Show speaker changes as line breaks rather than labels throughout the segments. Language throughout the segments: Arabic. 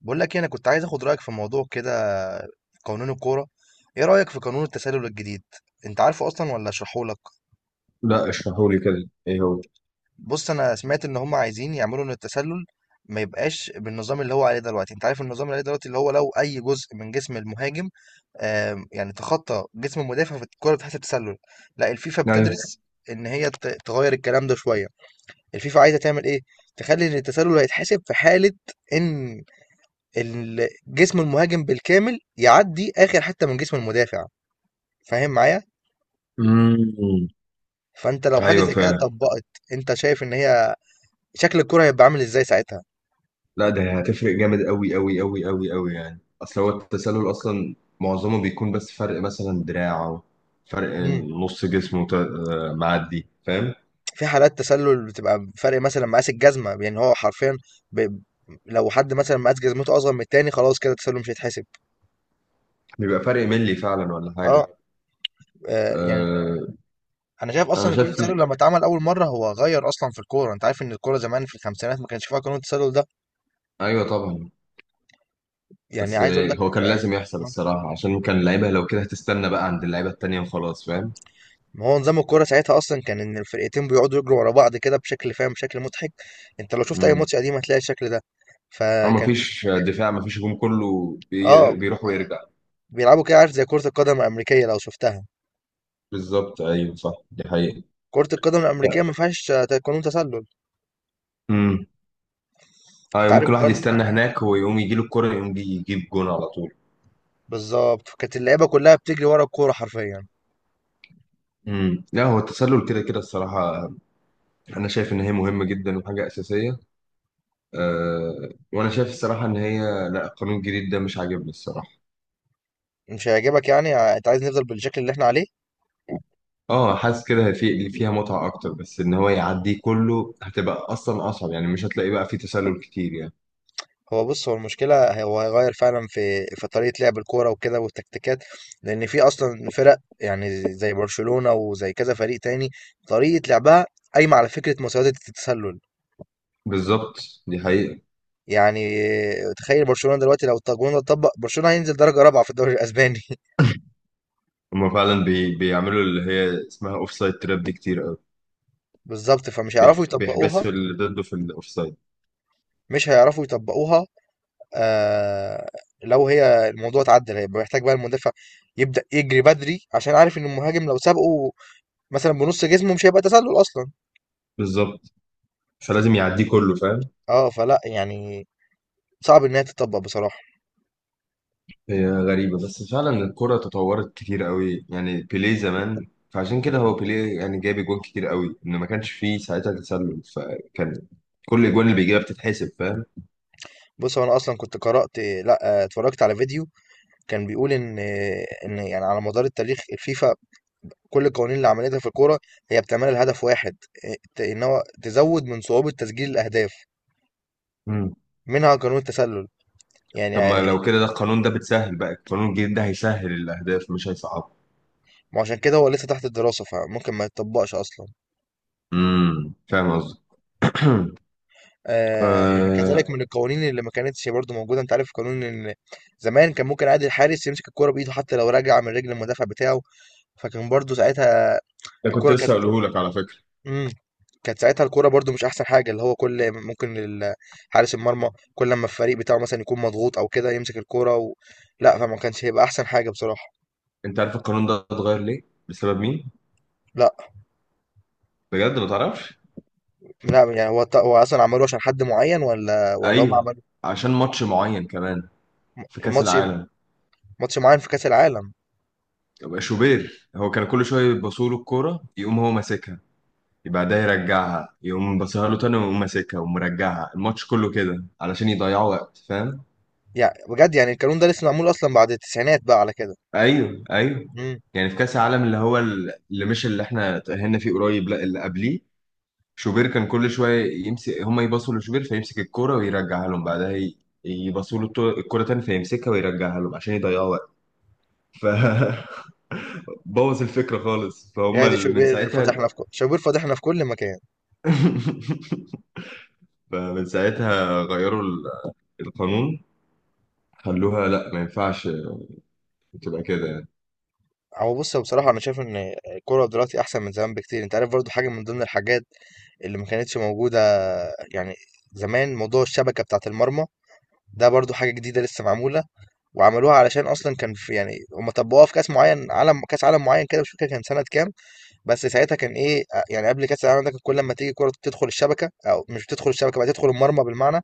بقول لك إيه، انا كنت عايز اخد رايك في موضوع كده في قانون الكوره. ايه رايك في قانون التسلل الجديد؟ انت عارفه اصلا ولا اشرحه لك؟
لا، اشرحوا لي كده ايه هو.
بص، انا سمعت ان هم عايزين يعملوا ان التسلل ما يبقاش بالنظام اللي هو عليه دلوقتي. انت عارف النظام اللي عليه دلوقتي، اللي هو لو اي جزء من جسم المهاجم يعني تخطى جسم المدافع فالكوره بتحسب تسلل. لا، الفيفا
ايوه.
بتدرس ان هي تغير الكلام ده شويه. الفيفا عايزه تعمل ايه؟ تخلي ان التسلل هيتحسب في حاله ان جسم المهاجم بالكامل يعدي اخر حته من جسم المدافع. فاهم معايا؟
امم.
فانت لو حاجه
ايوه
زي كده
فعلا.
اتطبقت، انت شايف ان هي شكل الكره هيبقى عامل ازاي ساعتها؟
لا ده هتفرق جامد قوي قوي قوي قوي قوي، يعني اصل هو التسلل اصلا معظمه بيكون بس فرق مثلا دراع او فرق
مم.
نص جسمه آه، معدي فاهم.
في حالات تسلل بتبقى فرق مثلا مقاس الجزمه، يعني هو حرفيا ب... لو حد مثلا مقاس جزمته اصغر من التاني خلاص كده التسلل مش هيتحسب.
بيبقى فرق ملي فعلا ولا حاجه؟
اه، يعني
آه،
انا شايف
انا
اصلا ان قانون
شايف.
التسلل لما اتعمل اول مره هو غير اصلا في الكوره. انت عارف ان الكوره زمان في الخمسينات ما كانش فيها قانون التسلل ده.
ايوه طبعا.
يعني
بس
عايز اقول
هو
لك
كان لازم يحصل الصراحه، عشان كان اللعيبه لو كده هتستنى بقى عند اللعيبه التانيه وخلاص، فاهم.
ما هو نظام الكورة ساعتها أصلًا كان إن الفرقتين بيقعدوا يجروا ورا بعض كده بشكل فاهم، بشكل مضحك. أنت لو شُفت أي
امم.
ماتش قديم هتلاقي الشكل ده.
او
فكانت
مفيش دفاع مفيش هجوم، كله
آه،
بيروح ويرجع.
بيلعبوا كده، عارف زي كرة القدم الأمريكية لو شُفتها.
بالظبط ايوه صح، دي حقيقة.
كرة القدم
لا.
الأمريكية ما فيهاش قانون تسلل.
امم.
أنت
ايوه ممكن
عارف
الواحد
برضه،
يستنى هناك ويقوم يجي له الكرة يقوم يجيب جون على طول.
بالضبط، فكانت اللعيبة كلها بتجري ورا الكورة حرفيًا.
امم، لا هو التسلل كده كده الصراحة. انا شايف ان هي مهمة جدا وحاجة اساسية. أه، وانا شايف الصراحة ان هي، لا القانون الجديد ده مش عاجبني الصراحة.
مش هيعجبك؟ يعني أنت عايز نفضل بالشكل اللي إحنا عليه؟
اه، حاسس كده في اللي فيها متعة اكتر، بس ان هو يعديه كله هتبقى اصلا اصعب، يعني مش هتلاقي بقى فيه تسلل كتير يعني.
هو بص، هو المشكلة هو هيغير فعلا في طريقة لعب الكورة وكده والتكتيكات، لأن في أصلا فرق يعني زي برشلونة وزي كذا فريق تاني طريقة لعبها قايمة على فكرة مساواة التسلل.
بالظبط، دي حقيقة.
يعني تخيل برشلونة دلوقتي لو القانون ده اتطبق برشلونة هينزل درجة رابعة في الدوري الأسباني
هما فعلا بيعملوا اللي هي اسمها اوف سايد تراب دي كتير.
بالظبط، فمش هيعرفوا
بيحبسوا
يطبقوها،
اللي ضده في الاوفسايد.
مش هيعرفوا يطبقوها. آه، لو هي الموضوع اتعدل هيبقى محتاج بقى المدافع يبدأ يجري بدري عشان عارف إن المهاجم لو سابقه مثلا بنص جسمه مش هيبقى تسلل أصلا.
بالظبط، فلازم يعديه كله، فاهم.
فلأ يعني، صعب إن هي تتطبّق بصراحة.
هي غريبة، بس فعلا الكرة تطورت كتير قوي، يعني بيليه زمان فعشان كده هو بيليه يعني جاب اجوان كتير قوي ان ما كانش فيه ساعتها تسلل، فكان كل الاجوان اللي بيجيبها بتتحسب، فاهم.
بُص، هو أنا أصلًا كنت قرأت، لأ، اتفرّجت على فيديو كان بيقول إن يعني على مدار التاريخ الفيفا كل القوانين اللي عملتها في الكورة هي بتعملها لهدف واحد، ت إن هو تزوّد من صعوبة تسجيل الأهداف،
مم.
منها قانون التسلل. يعني
طب ما لو كده ده القانون ده بتسهل، بقى القانون الجديد ده هيسهل الاهداف مش هيصعبها.
ما هو عشان كده هو لسّه تحت الدراسة، فممكن ما يتطبّقش أصلًا.
امم، فاهم قصدي.
يعني
آه...
كذلك من القوانين اللي ما كانتش برضه موجودة، أنت عارف قانون إن زمان كان ممكن عادي الحارس يمسك الكورة بإيده حتّى لو راجعة من رجل المدافع بتاعه. فكان برضه ساعتها
ده كنت
الكوره
لسه
كانت،
هقوله لك على فكرة.
امم كانت ساعتها الكوره برضو مش احسن حاجه، اللي هو كل ممكن حارس المرمى كل لما الفريق بتاعه مثلا يكون مضغوط او كده يمسك الكوره لا فما كانش هيبقى احسن حاجه بصراحه.
انت عارف القانون ده اتغير ليه؟ بسبب مين؟
لا،
بجد ما تعرفش؟
لا، يعني هو هو اصلا عملوه عشان حد معين ولا هم
ايوه،
عملوا
عشان ماتش معين كمان في كاس
ماتش
العالم.
ماتش معين في كاس العالم.
يبقى شوبير هو كان كل شويه يبصوا له الكوره يقوم هو ماسكها، يبقى ده يرجعها يقوم بصها له تاني ويقوم ماسكها ومرجعها الماتش كله كده علشان يضيعوا وقت، فاهم.
يعني بجد يعني القانون ده لسه معمول اصلا بعد التسعينات بقى على كده.
ايوه ايوه.
امم.
يعني في كاس العالم اللي هو اللي مش اللي احنا اتأهلنا فيه قريب، لا اللي قبليه. شوبير كان كل شويه يمسك، هما يبصوا لشوبير فيمسك الكوره ويرجعها لهم بعدها يبصوا له الكوره تاني فيمسكها ويرجعها لهم عشان يضيعوا وقت. ف بوظ الفكرة خالص، فهم
يا دي
من
شوبير
ساعتها.
فضحنا في كل، شوبير فضحنا في كل مكان.
فمن ساعتها غيروا القانون. خلوها، لا ما ينفعش تبقى كده يعني.
هو بص، بصراحه انا شايف ان الكوره دلوقتي احسن من زمان بكتير. انت عارف برضو حاجه من ضمن الحاجات اللي ما كانتش موجودة، يعني زمان، موضوع الشبكة بتاعة المرمى ده برضو حاجة جديدة لسه معمولة. وعملوها علشان أصلا كان في، يعني هم طبقوها في كأس معين عالم، كأس عالم معين كده مش فاكر كان سنة كام. بس ساعتها كان إيه؟ يعني قبل كأس العالم ده كان كل ما تيجي كرة تدخل الشبكة أو مش بتدخل الشبكة بقى تدخل المرمى بالمعنى.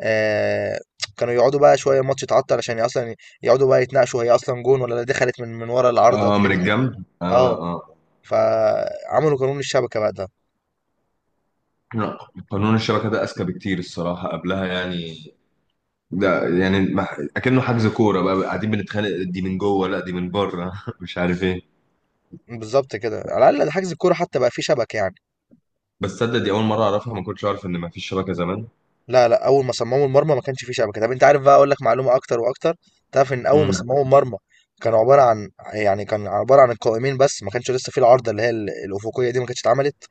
آه كانوا يقعدوا بقى شوية الماتش يتعطل عشان أصلا يقعدوا بقى يتناقشوا هي أصلا جون ولا دخلت من ورا العارضة
اه من
وكده.
الجنب،
اه،
اه اه.
فعملوا قانون الشبكة بقى ده.
لا قانون الشبكة ده أذكى بكتير الصراحة قبلها يعني. ده يعني أكنه حجز كورة، بقى قاعدين بنتخانق دي من جوه لا دي من بره مش عارف ايه.
بالظبط كده، على الأقل ده حجز الكورة حتى بقى فيه شبكة يعني.
بس تصدق دي أول مرة أعرفها، ما كنتش أعرف إن ما فيش شبكة زمان.
لا لا، اول ما صمموا المرمى ما كانش فيه شبكه. طب انت عارف بقى، اقول لك معلومه اكتر واكتر، تعرف ان اول ما
مم.
صمموا المرمى كان عباره عن، يعني كان عباره عن القائمين بس ما كانش لسه فيه العارضه اللي هي الافقيه دي ما كانتش اتعملت.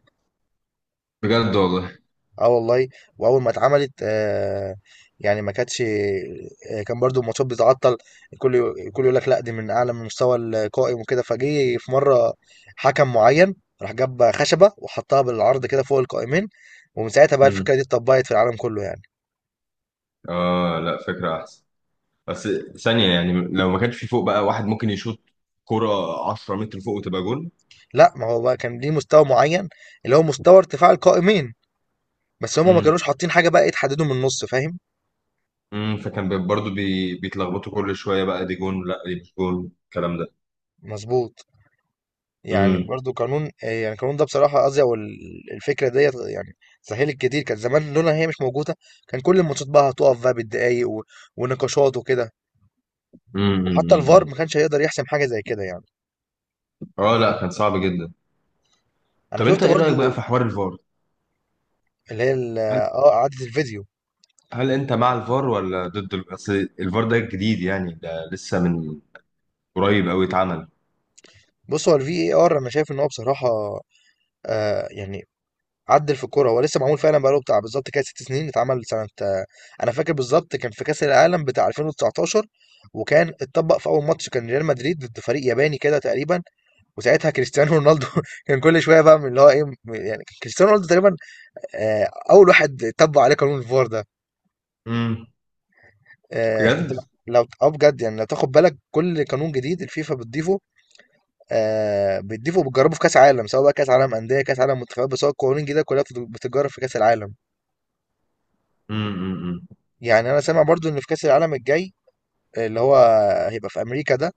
بجد والله.
اه، والله. واول ما اتعملت يعني ما كانتش، كان برضو الماتشات بتتعطل، الكل يقول لك لا دي من اعلى من مستوى القائم وكده. فجه في مره حكم معين راح جاب خشبه وحطها بالعرض كده فوق القائمين، ومن ساعتها بقى
مم.
الفكره دي اتطبقت في العالم كله يعني.
اه لا فكرة أحسن، بس ثانية يعني لو ما كانش في فوق بقى واحد ممكن يشوط كرة 10 متر فوق وتبقى جون.
لأ، ما هو بقى كان ليه مستوى معيّن، اللي هو مستوى ارتفاع القائمين، بس هم ما
امم
كانوش حاطين حاجة بقى تحدّده من النُص، فاهم؟
امم، فكان برضو بيتلخبطوا كل شوية، بقى دي جون لا دي مش جون الكلام ده.
مضبوط. يعني
امم،
برضه قانون، يعني القانون ده بصراحة قصدي، أو الفكرة ديّة يعني سهّلِت كتير، كان زمان لولا إن هي مش موجودة كان كل الماتشات بقى هتُقف بقى بالدقايق، و ونقاشات وكده.
امم، أمم،
وحتى الVAR
أمم.
ما كانش هيقدر يحسم حاجة زي كده يعني.
اه لا كان صعب جدا.
أنا
طب انت
شُفت
ايه رأيك بقى في
برضه
حوار الفار؟
اللي هي ال
هل،
إعادة الفيديو.
هل انت مع الفار ولا ضد اصل الفار ده جديد يعني، ده لسه من قريب قوي اتعمل.
بُص، هو الVAR أنا شايف إن هو بصراحة يعني عدل في الكوره. هو لسه معمول فعلا بقاله بتاع بالظبط كده 6 سنين، اتعمل سنه انا فاكر بالظبط كان في كاس العالم بتاع 2019. وكان اتطبق في اول ماتش كان ريال مدريد ضد فريق ياباني كده تقريبا، وساعتها كريستيانو رونالدو كان كل شويه بقى من اللي هو ايه، يعني كريستيانو رونالدو تقريبا اول واحد طبق عليه قانون الفار ده.
امم.
انت
بجد.
لو، اه بجد يعني، لو تاخد بالك كل قانون جديد الفيفا بتضيفه بتضيفه وبتجربه في كاس عالم، سواء بقى كاس عالم انديه كاس عالم منتخبات، بس هو القوانين الجديده كلها بتتجرب في كاس العالم.
امم، امم، أمم.
يعني انا سامع برضو ان في كاس العالم الجاي اللي هو هيبقى في امريكا ده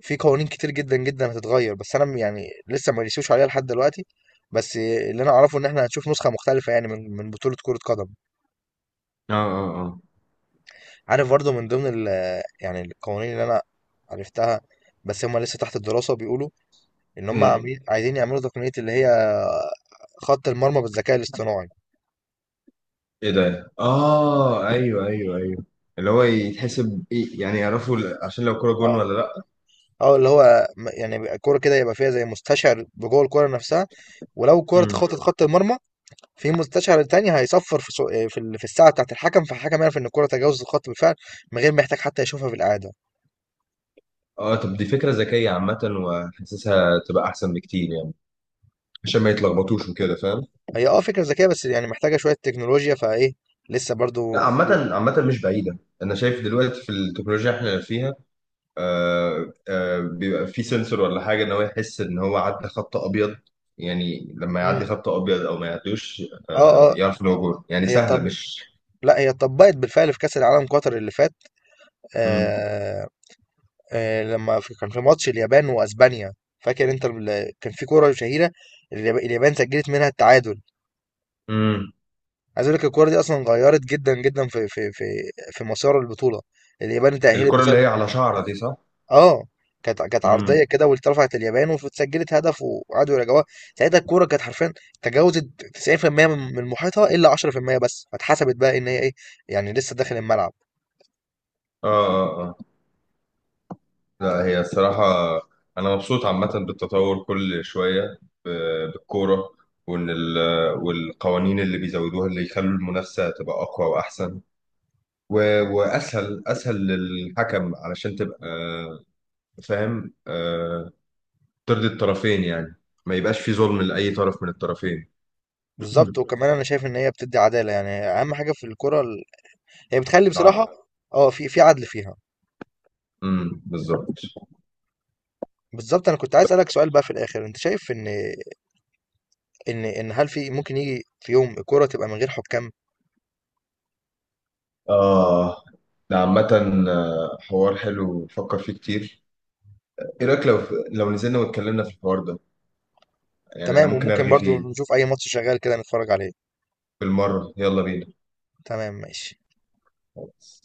في قوانين كتير جدا جدا هتتغير، بس انا يعني لسه ما رسيوش عليها لحد دلوقتي. بس اللي انا اعرفه ان احنا هنشوف نسخه مختلفه يعني من بطوله كره قدم.
اه اه
عارف برضو من ضمن يعني القوانين اللي انا عرفتها بس هم لسه تحت الدراسه، بيقولوا ان هم
اه.
عاملين عايزين يعملوا تقنيه اللي هي خط المرمى بالذكاء الاصطناعي.
ايه ده؟ اه ايوه ايوه ايوه، اللي هو يتحسب ايه يعني، يعرفوا عشان لو كرة جون
اه،
ولا لا.
اه، اللي هو يعني بيبقى الكوره كده يبقى فيها زي مستشعر بجوه الكوره نفسها. ولو الكوره
امم.
اتخطت خط المرمى في مستشعر تاني هيصفر في في في الساعه بتاعه الحكم، فالحكم يعرف ان الكره تجاوزت الخط بالفعل من غير ما يحتاج حتى يشوفها بالاعاده.
اه طب دي فكرة ذكية عامة، وحاسسها تبقى احسن بكتير يعني، عشان ما يتلخبطوش وكده، فاهم؟
هي اه، فكره ذكيه بس يعني محتاجه شويه تكنولوجيا فايه لسه برضو
لا
ب-
عامة عامة مش بعيدة، انا شايف دلوقتي في التكنولوجيا احنا فيها. آه آه، بيبقى في سنسور ولا حاجة ان هو يحس ان هو عدى خط ابيض، يعني لما يعدي
مم.
خط ابيض او ما يعدوش آه
اه اه.
يعرف ان هو جون، يعني
هي
سهلة
طب،
مش.
لا هي اتطبقت بالفعل في كاس العالم قطر اللي فات.
امم،
آه آه، لما كان في ماتش اليابان واسبانيا، فاكر انت كان في كوره شهيره اليابان سجلت منها التعادل.
امم.
عايز اقول لك الكوره دي اصلا غيرت جدا جدا في مسار البطوله. اليابان تأهلت
الكرة اللي
بسبب
هي على شعرة دي صح؟
اه، كانت، كانت عرضيه كده واترفعت اليابان واتسجلت هدف وقعدوا يراجعوها. ساعتها الكوره كانت حرفيا تجاوزت 90% من محيطها الا 10% بس، فاتحسبت بقى ان هي ايه، يعني لسه داخل الملعب.
اه اه اه. لا هي الصراحة، أنا مبسوط عامة بالتطور كل شوية ب- بالكورة، وإن والقوانين اللي بيزودوها اللي يخلوا المنافسة تبقى أقوى وأحسن، وأسهل أسهل للحكم علشان تبقى آه، فاهم، آه، ترضي الطرفين يعني، ما يبقاش في ظلم لأي طرف من الطرفين.
بالظبط، وكمان انا شايف ان هي بتدي عداله يعني اهم حاجه في الكوره ال... هي بتخلي بصراحه
العدل.
اه في عدل فيها.
بالظبط.
بالظبط، انا كنت عايز اسالك سؤال بقى في الاخر، انت شايف ان ان هل في ممكن يجي في يوم الكوره تبقى من غير حكام؟
آه ده عامة آه، حوار حلو بفكر فيه كتير. إيه رأيك لو، لو نزلنا واتكلمنا في الحوار ده، يعني انا
تمام،
ممكن
وممكن
ارغي
برضو
فيه.
نشوف اي ماتش شغال كده نتفرج عليه.
بالمره، يلا بينا.
تمام ماشي.